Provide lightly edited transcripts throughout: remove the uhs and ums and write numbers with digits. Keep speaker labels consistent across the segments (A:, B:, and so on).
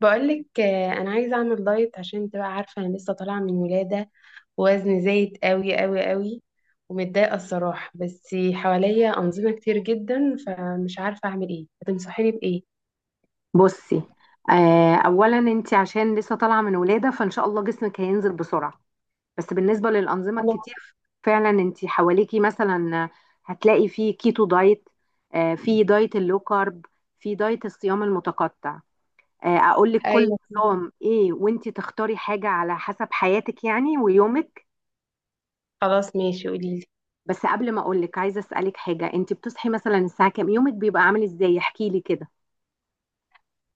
A: بقولك انا عايزه اعمل دايت عشان انت بقى عارفه انا لسه طالعه من ولاده، ووزني زايد قوي قوي قوي. ومتضايقه الصراحه، بس حواليا انظمه كتير جدا، فمش عارفه اعمل ايه، هتنصحيني بايه؟
B: بصي. اولا انت عشان لسه طالعه من ولاده فان شاء الله جسمك هينزل بسرعه. بس بالنسبه للانظمه الكتير فعلا انت حواليكي مثلا هتلاقي في كيتو دايت، في دايت اللو كارب، في دايت الصيام المتقطع. اقول لك كل
A: ايوه،
B: نظام ايه وانت تختاري حاجه على حسب حياتك يعني ويومك.
A: خلاص ماشي قوليلي.
B: بس قبل ما اقول لك عايزه اسالك حاجه، انت بتصحي مثلا الساعه كام؟ يومك بيبقى عامل ازاي؟ احكي لي كده.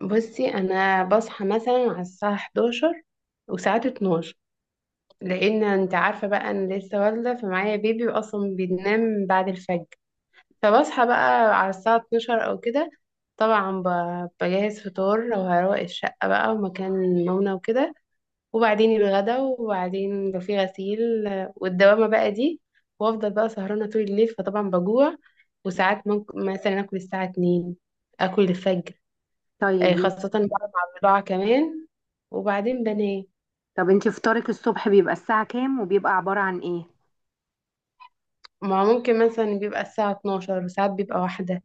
A: بصي انا بصحى مثلا على الساعه 11، وساعات 12، لان انت عارفه بقى انا لسه والده، فمعايا بيبي واصلا بينام بعد الفجر. فبصحى بقى على الساعة 12 أو كده. طبعا بجهز فطار وهروق الشقة بقى ومكان نومنا وكده، وبعدين الغدا، وبعدين لو في غسيل والدوامة بقى دي، وأفضل بقى سهرانة طول الليل، فطبعا بجوع. وساعات ممكن مثلا آكل الساعة 2، آكل الفجر،
B: طيب
A: خاصة بقى
B: ماشي.
A: مع البضاعة كمان، وبعدين بنام.
B: طب انتي فطارك الصبح بيبقى الساعة كام وبيبقى عبارة عن ايه؟
A: ما ممكن مثلا بيبقى الساعة 12، وساعات بيبقى واحدة.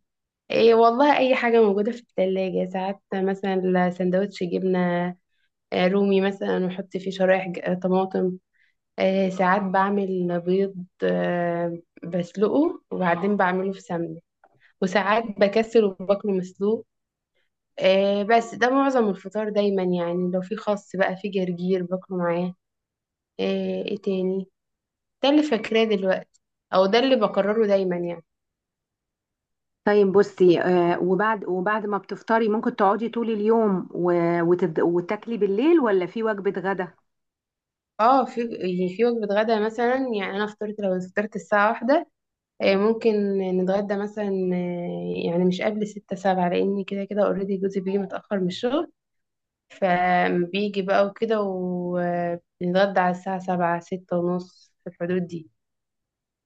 A: ايه والله اي حاجة موجودة في التلاجة، ساعات مثلا سندوتش جبنة رومي مثلا، واحط فيه شرايح طماطم. ساعات بعمل بيض، بسلقه وبعدين بعمله في سمنة، وساعات بكسر وباكله مسلوق. بس ده معظم الفطار دايما، يعني لو في خس بقى في جرجير باكله معاه. ايه تاني، ده اللي فاكراه دلوقتي، او ده اللي بكرره دايما يعني.
B: طيب بصي، آه، وبعد ما بتفطري ممكن تقعدي طول اليوم وتاكلي بالليل ولا في وجبة غدا؟
A: اه في، يعني في وجبة غدا مثلا، يعني انا فطرت، لو فطرت الساعة واحدة ممكن نتغدى مثلا، يعني مش قبل ستة سبعة، لأن كده كده اوريدي جوزي بيجي متأخر من الشغل، فبيجي بقى وكده ونتغدى على الساعة سبعة ستة ونص، في الحدود دي.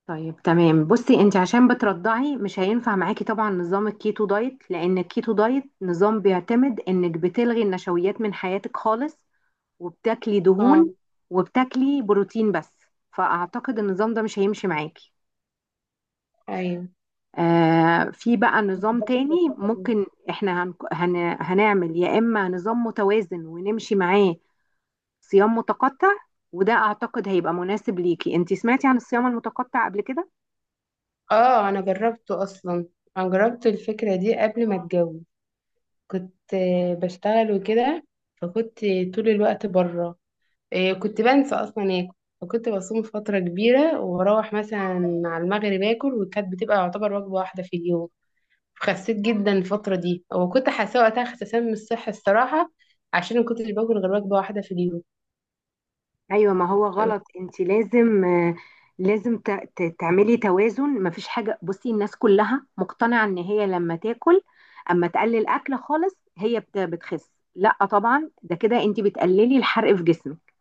B: طيب تمام. بصي انت عشان بترضعي مش هينفع معاكي طبعا نظام الكيتو دايت، لان الكيتو دايت نظام بيعتمد انك بتلغي النشويات من حياتك خالص وبتاكلي
A: اه.
B: دهون وبتاكلي بروتين بس. فاعتقد النظام ده مش هيمشي معاكي.
A: أيوة.
B: آه، في بقى نظام تاني ممكن احنا هنعمل، يا اما نظام متوازن ونمشي معاه، صيام متقطع. وده اعتقد هيبقى مناسب ليكي. انت سمعتي عن الصيام المتقطع قبل كده؟
A: اه أنا جربته أصلا، أنا جربت الفكرة دي قبل ما أتجوز. كنت بشتغل وكده، فكنت طول الوقت بره، إيه كنت بنسى اصلا اكل. فكنت بصوم فتره كبيره، واروح مثلا على المغرب اكل، وكانت بتبقى يعتبر وجبه واحده في اليوم. خسيت جدا الفتره دي، وكنت حاسه وقتها خسسان من الصحه الصراحه، عشان ما كنتش باكل غير وجبه واحده في اليوم.
B: ايوه ما هو غلط. انت لازم، لازم تعملي توازن. مفيش حاجه، بصي الناس كلها مقتنعه ان هي لما تاكل، اما تقلل اكل خالص، هي بتخس. لا طبعا، ده كده انت بتقللي الحرق في جسمك.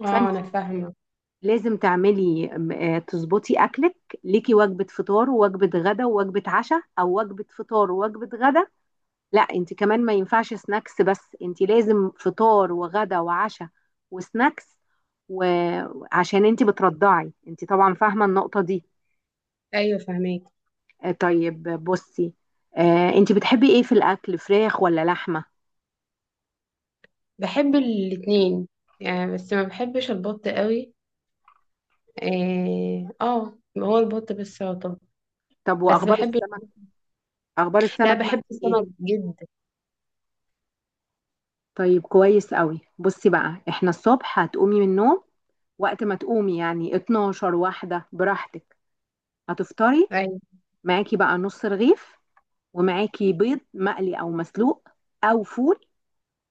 A: اه انا فاهمه.
B: لازم تعملي تظبطي اكلك. ليكي وجبه فطار ووجبه غدا ووجبه عشاء، او وجبه فطار ووجبه غدا. لا انت كمان ما ينفعش سناكس بس، انت لازم فطار وغدا وعشاء وسناكس. وعشان انت بترضعي، انت طبعا فاهمه النقطه دي.
A: ايوه فاهماك.
B: طيب بصي، انت بتحبي ايه في الاكل، فراخ ولا لحمه؟
A: بحب الاتنين يعني، بس ما بحبش البط قوي. اه، هو البط بس يعتبر.
B: طب
A: بس
B: واخبار
A: بحب.
B: السمك؟ اخبار
A: لا
B: السمك
A: بحب
B: معاكي ايه؟
A: السمك جدا.
B: طيب كويس قوي. بصي بقى، احنا الصبح هتقومي من النوم وقت ما تقومي، يعني 12 واحدة براحتك، هتفطري.
A: أيوة.
B: معاكي بقى نص رغيف، ومعاكي بيض مقلي او مسلوق، او فول،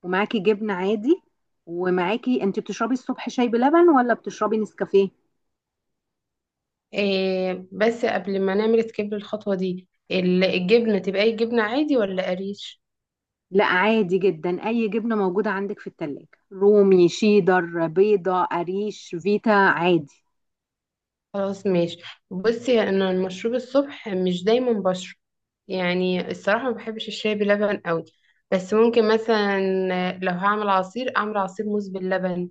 B: ومعاكي جبنة عادي. ومعاكي، انت بتشربي الصبح شاي بلبن ولا بتشربي نسكافيه؟
A: إيه، بس قبل ما نعمل سكيب للخطوة دي، الجبنة تبقى اي جبنة عادي ولا قريش؟
B: لا عادي جدا، اي جبنة موجودة عندك في التلاجة، رومي، شيدر، بيضة، قريش، فيتا عادي.
A: خلاص ماشي. بصي انا المشروب الصبح مش دايما بشرب، يعني الصراحة ما بحبش الشاي بلبن قوي. بس ممكن مثلا لو هعمل عصير اعمل عصير موز باللبن.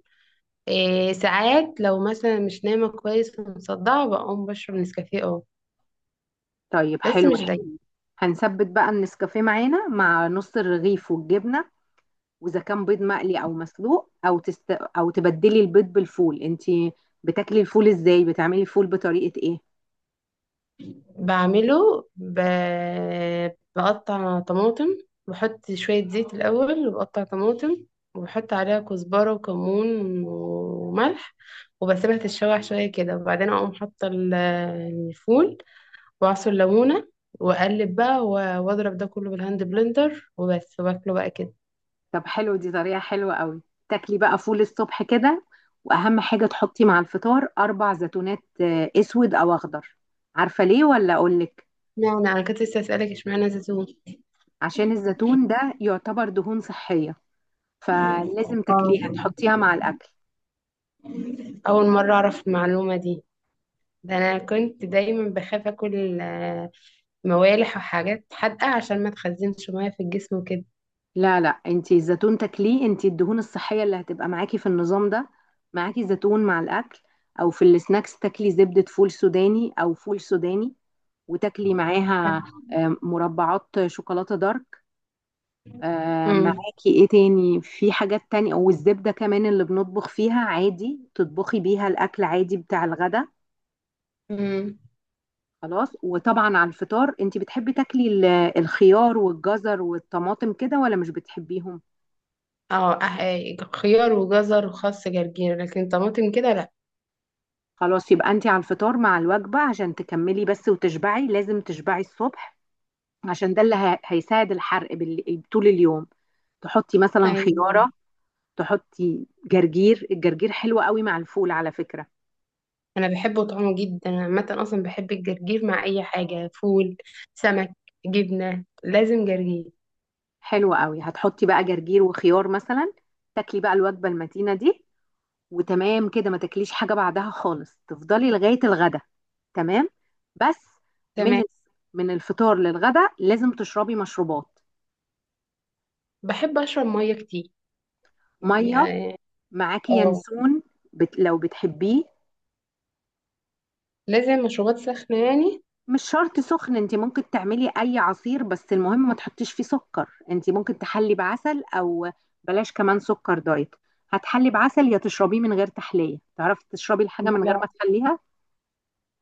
A: إيه ساعات لو مثلا مش نايمة كويس ومصدعة بقوم بشرب نسكافيه اه،
B: طيب
A: بس
B: حلو
A: مش
B: حلو.
A: دايما.
B: هنثبت بقى النسكافيه معانا مع نص الرغيف والجبنة. واذا كان بيض مقلي او مسلوق، او او تبدلي البيض بالفول. انت بتاكلي الفول ازاي؟ بتعملي الفول بطريقه ايه؟
A: بعمله ب... بقطع طماطم، بحط شوية زيت الأول وبقطع طماطم، وبحط عليها كزبرة وكمون وملح، وبسيبها تتشوح شوية كده، وبعدين أقوم حاطة الفول، وأعصر ليمونة، وأقلب بقى وأضرب ده كله بالهاند بلندر وبس، وباكله بقى كده.
B: طب حلو، دي طريقه حلوه قوي. تاكلي بقى فول الصبح كده. واهم حاجه تحطي مع الفطار اربع زيتونات، اسود او اخضر. عارفه ليه ولا اقولك؟
A: اشمعنى، أنا كنت لسه أسألك، اشمعنى زيتون؟
B: عشان الزيتون ده يعتبر دهون صحيه، فلازم
A: آه.
B: تاكليها، تحطيها مع الاكل.
A: أول مرة أعرف المعلومة دي. ده أنا كنت دايما بخاف أكل موالح وحاجات حادقة عشان ما تخزنش مية في الجسم وكده.
B: لا لا، انتي الزيتون تاكليه. انتي الدهون الصحية اللي هتبقى معاكي في النظام ده، معاكي زيتون مع الأكل، أو في السناكس تاكلي زبدة فول سوداني أو فول سوداني، وتاكلي معاها مربعات شوكولاتة دارك.
A: امم.
B: معاكي ايه تاني؟ في حاجات تانية، والزبدة كمان اللي بنطبخ فيها عادي، تطبخي بيها الأكل عادي بتاع الغدا.
A: امم.
B: خلاص. وطبعا على الفطار انتي بتحبي تاكلي الخيار والجزر والطماطم كده ولا مش بتحبيهم؟
A: اه، خيار وجزر وخس جرجير، لكن طماطم كده لا.
B: خلاص يبقى انت على الفطار مع الوجبة، عشان تكملي بس وتشبعي. لازم تشبعي الصبح عشان ده اللي هيساعد الحرق طول اليوم. تحطي مثلا
A: ايوه
B: خيارة، تحطي جرجير، الجرجير حلو قوي مع الفول على فكرة.
A: انا بحبه طعمه جدا، انا عامه اصلا بحب الجرجير مع اي حاجه: فول، سمك، جبنه، لازم جرجير.
B: حلو قوي. هتحطي بقى جرجير وخيار مثلا، تاكلي بقى الوجبة المتينة دي، وتمام كده. ما تاكليش حاجة بعدها خالص، تفضلي لغاية الغدا. تمام. بس من
A: تمام.
B: من الفطار للغدا لازم تشربي مشروبات.
A: بحب اشرب ميه كتير
B: ميه.
A: يعني.
B: معاكي
A: اه،
B: ينسون لو بتحبيه.
A: لازم مشروبات سخنه يعني.
B: مش شرط سخن، انت ممكن تعملي اي عصير، بس المهم ما تحطيش فيه سكر. انت ممكن تحلي بعسل، او بلاش كمان سكر دايت. هتحلي بعسل يا تشربيه من غير تحلية. تعرفي تشربي الحاجة من غير
A: لا.
B: ما تحليها؟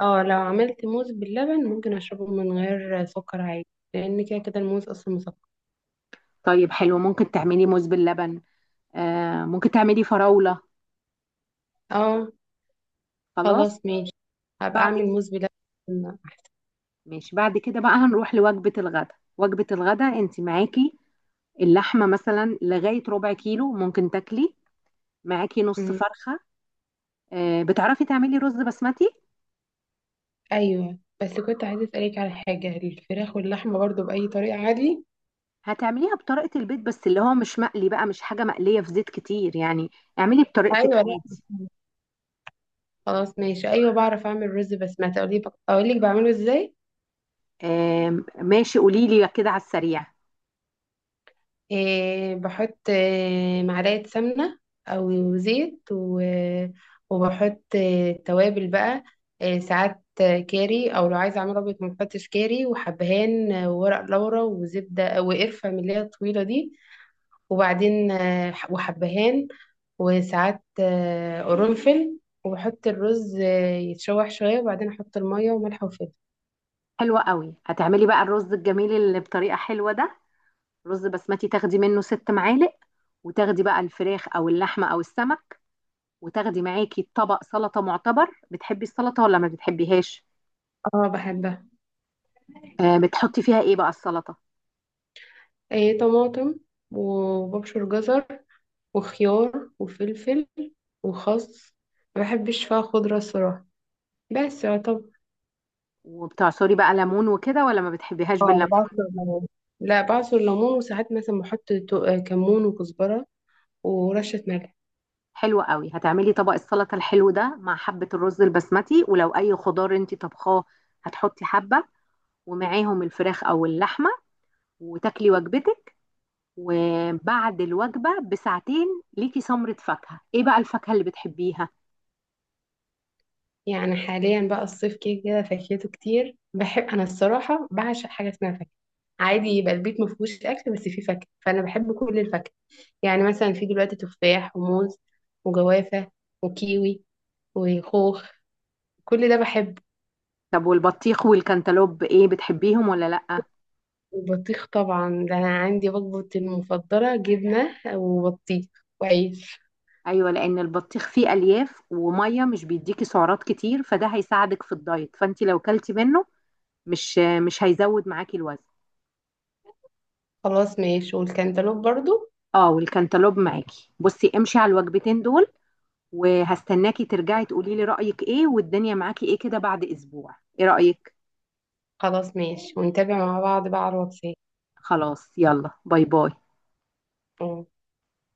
A: اه لو عملت موز باللبن ممكن اشربه من غير سكر عادي، لان كده كده الموز اصلا مسكر.
B: طيب حلو، ممكن تعملي موز باللبن، آه ممكن تعملي فراولة.
A: اه
B: خلاص.
A: خلاص ماشي، هبقى
B: بعد
A: أعمل
B: كده
A: موز بلبن أحسن.
B: ماشي. بعد كده بقى هنروح لوجبة الغداء. وجبة الغداء انت معاكي اللحمة مثلا لغاية ربع كيلو ممكن تاكلي، معاكي نص
A: مم.
B: فرخة. بتعرفي تعملي رز بسمتي؟
A: أيوة، بس كنت عايزة أسألك على حاجة، الفراخ واللحمة برضو بأي طريقة عادي؟
B: هتعمليها بطريقة البيت بس، اللي هو مش مقلي بقى، مش حاجة مقلية في زيت كتير يعني. اعملي بطريقتك
A: أيوة لا.
B: عادي.
A: خلاص ماشي، أيوة بعرف أعمل رز بسمتي، أقول لك أقول لك بعمله إزاي.
B: ماشي قولي لي كده على السريع.
A: إيه بحط، إيه، معلقة سمنة أو زيت وبحط، إيه، توابل بقى. إيه ساعات كاري، أو لو عايزة أعمل أبيض ما بحطش كاري، وحبهان، وورق لورا وزبدة وقرفة من اللي هي الطويلة دي، وبعدين، وحبهان، وساعات قرنفل، وبحط الرز يتشوح شوية، وبعدين أحط المية وملح وفلفل.
B: حلوة قوي. هتعملي بقى الرز الجميل اللي بطريقة حلوة ده، رز بسمتي تاخدي منه ست معالق، وتاخدي بقى الفراخ او اللحمة او السمك، وتاخدي معاكي طبق سلطة معتبر. بتحبي السلطة ولا ما بتحبيهاش؟
A: اه بحبها.
B: بتحطي فيها ايه بقى السلطة؟
A: طماطم، وببشر جزر، وخيار وفلفل، وخس. ما بحبش فيها خضرة صراحة، بس يعتبر.
B: وبتعصري بقى ليمون وكده ولا ما بتحبيهاش
A: اه
B: بالليمون؟
A: بعصر ليمون. لا بعصر ليمون، وساعات مثلا بحط كمون وكزبرة ورشة ملح.
B: حلو قوي. هتعملي طبق السلطه الحلو ده مع حبه الرز البسمتي، ولو اي خضار انت طبخاه هتحطي حبه، ومعاهم الفراخ او اللحمه، وتاكلي وجبتك. وبعد الوجبه بساعتين ليكي سمره فاكهه. ايه بقى الفاكهه اللي بتحبيها؟
A: يعني حاليا بقى الصيف كده كده فاكهته كتير، بحب انا الصراحه، بعشق حاجه اسمها فاكهه. عادي يبقى البيت ما فيهوش اكل بس فيه فاكهه، فانا بحب كل الفاكهه. يعني مثلا في دلوقتي تفاح وموز وجوافه وكيوي وخوخ، كل ده بحبه.
B: طب والبطيخ والكنتالوب ايه، بتحبيهم ولا لا؟
A: والبطيخ طبعا، ده انا عندي وجبتي المفضله: جبنه وبطيخ وعيش.
B: ايوه، لان البطيخ فيه الياف وميه، مش بيديكي سعرات كتير، فده هيساعدك في الدايت. فانت لو كلتي منه مش هيزود معاكي الوزن.
A: خلاص ماشي، والكنتالوب برضو.
B: اه والكنتالوب معاكي. بصي امشي على الوجبتين دول، وهستناكي ترجعي تقولي لي رأيك ايه والدنيا معاكي ايه كده بعد اسبوع. ايه رأيك؟
A: خلاص ماشي ونتابع مع بعض بقى على الواتساب.
B: خلاص يلا، باي باي.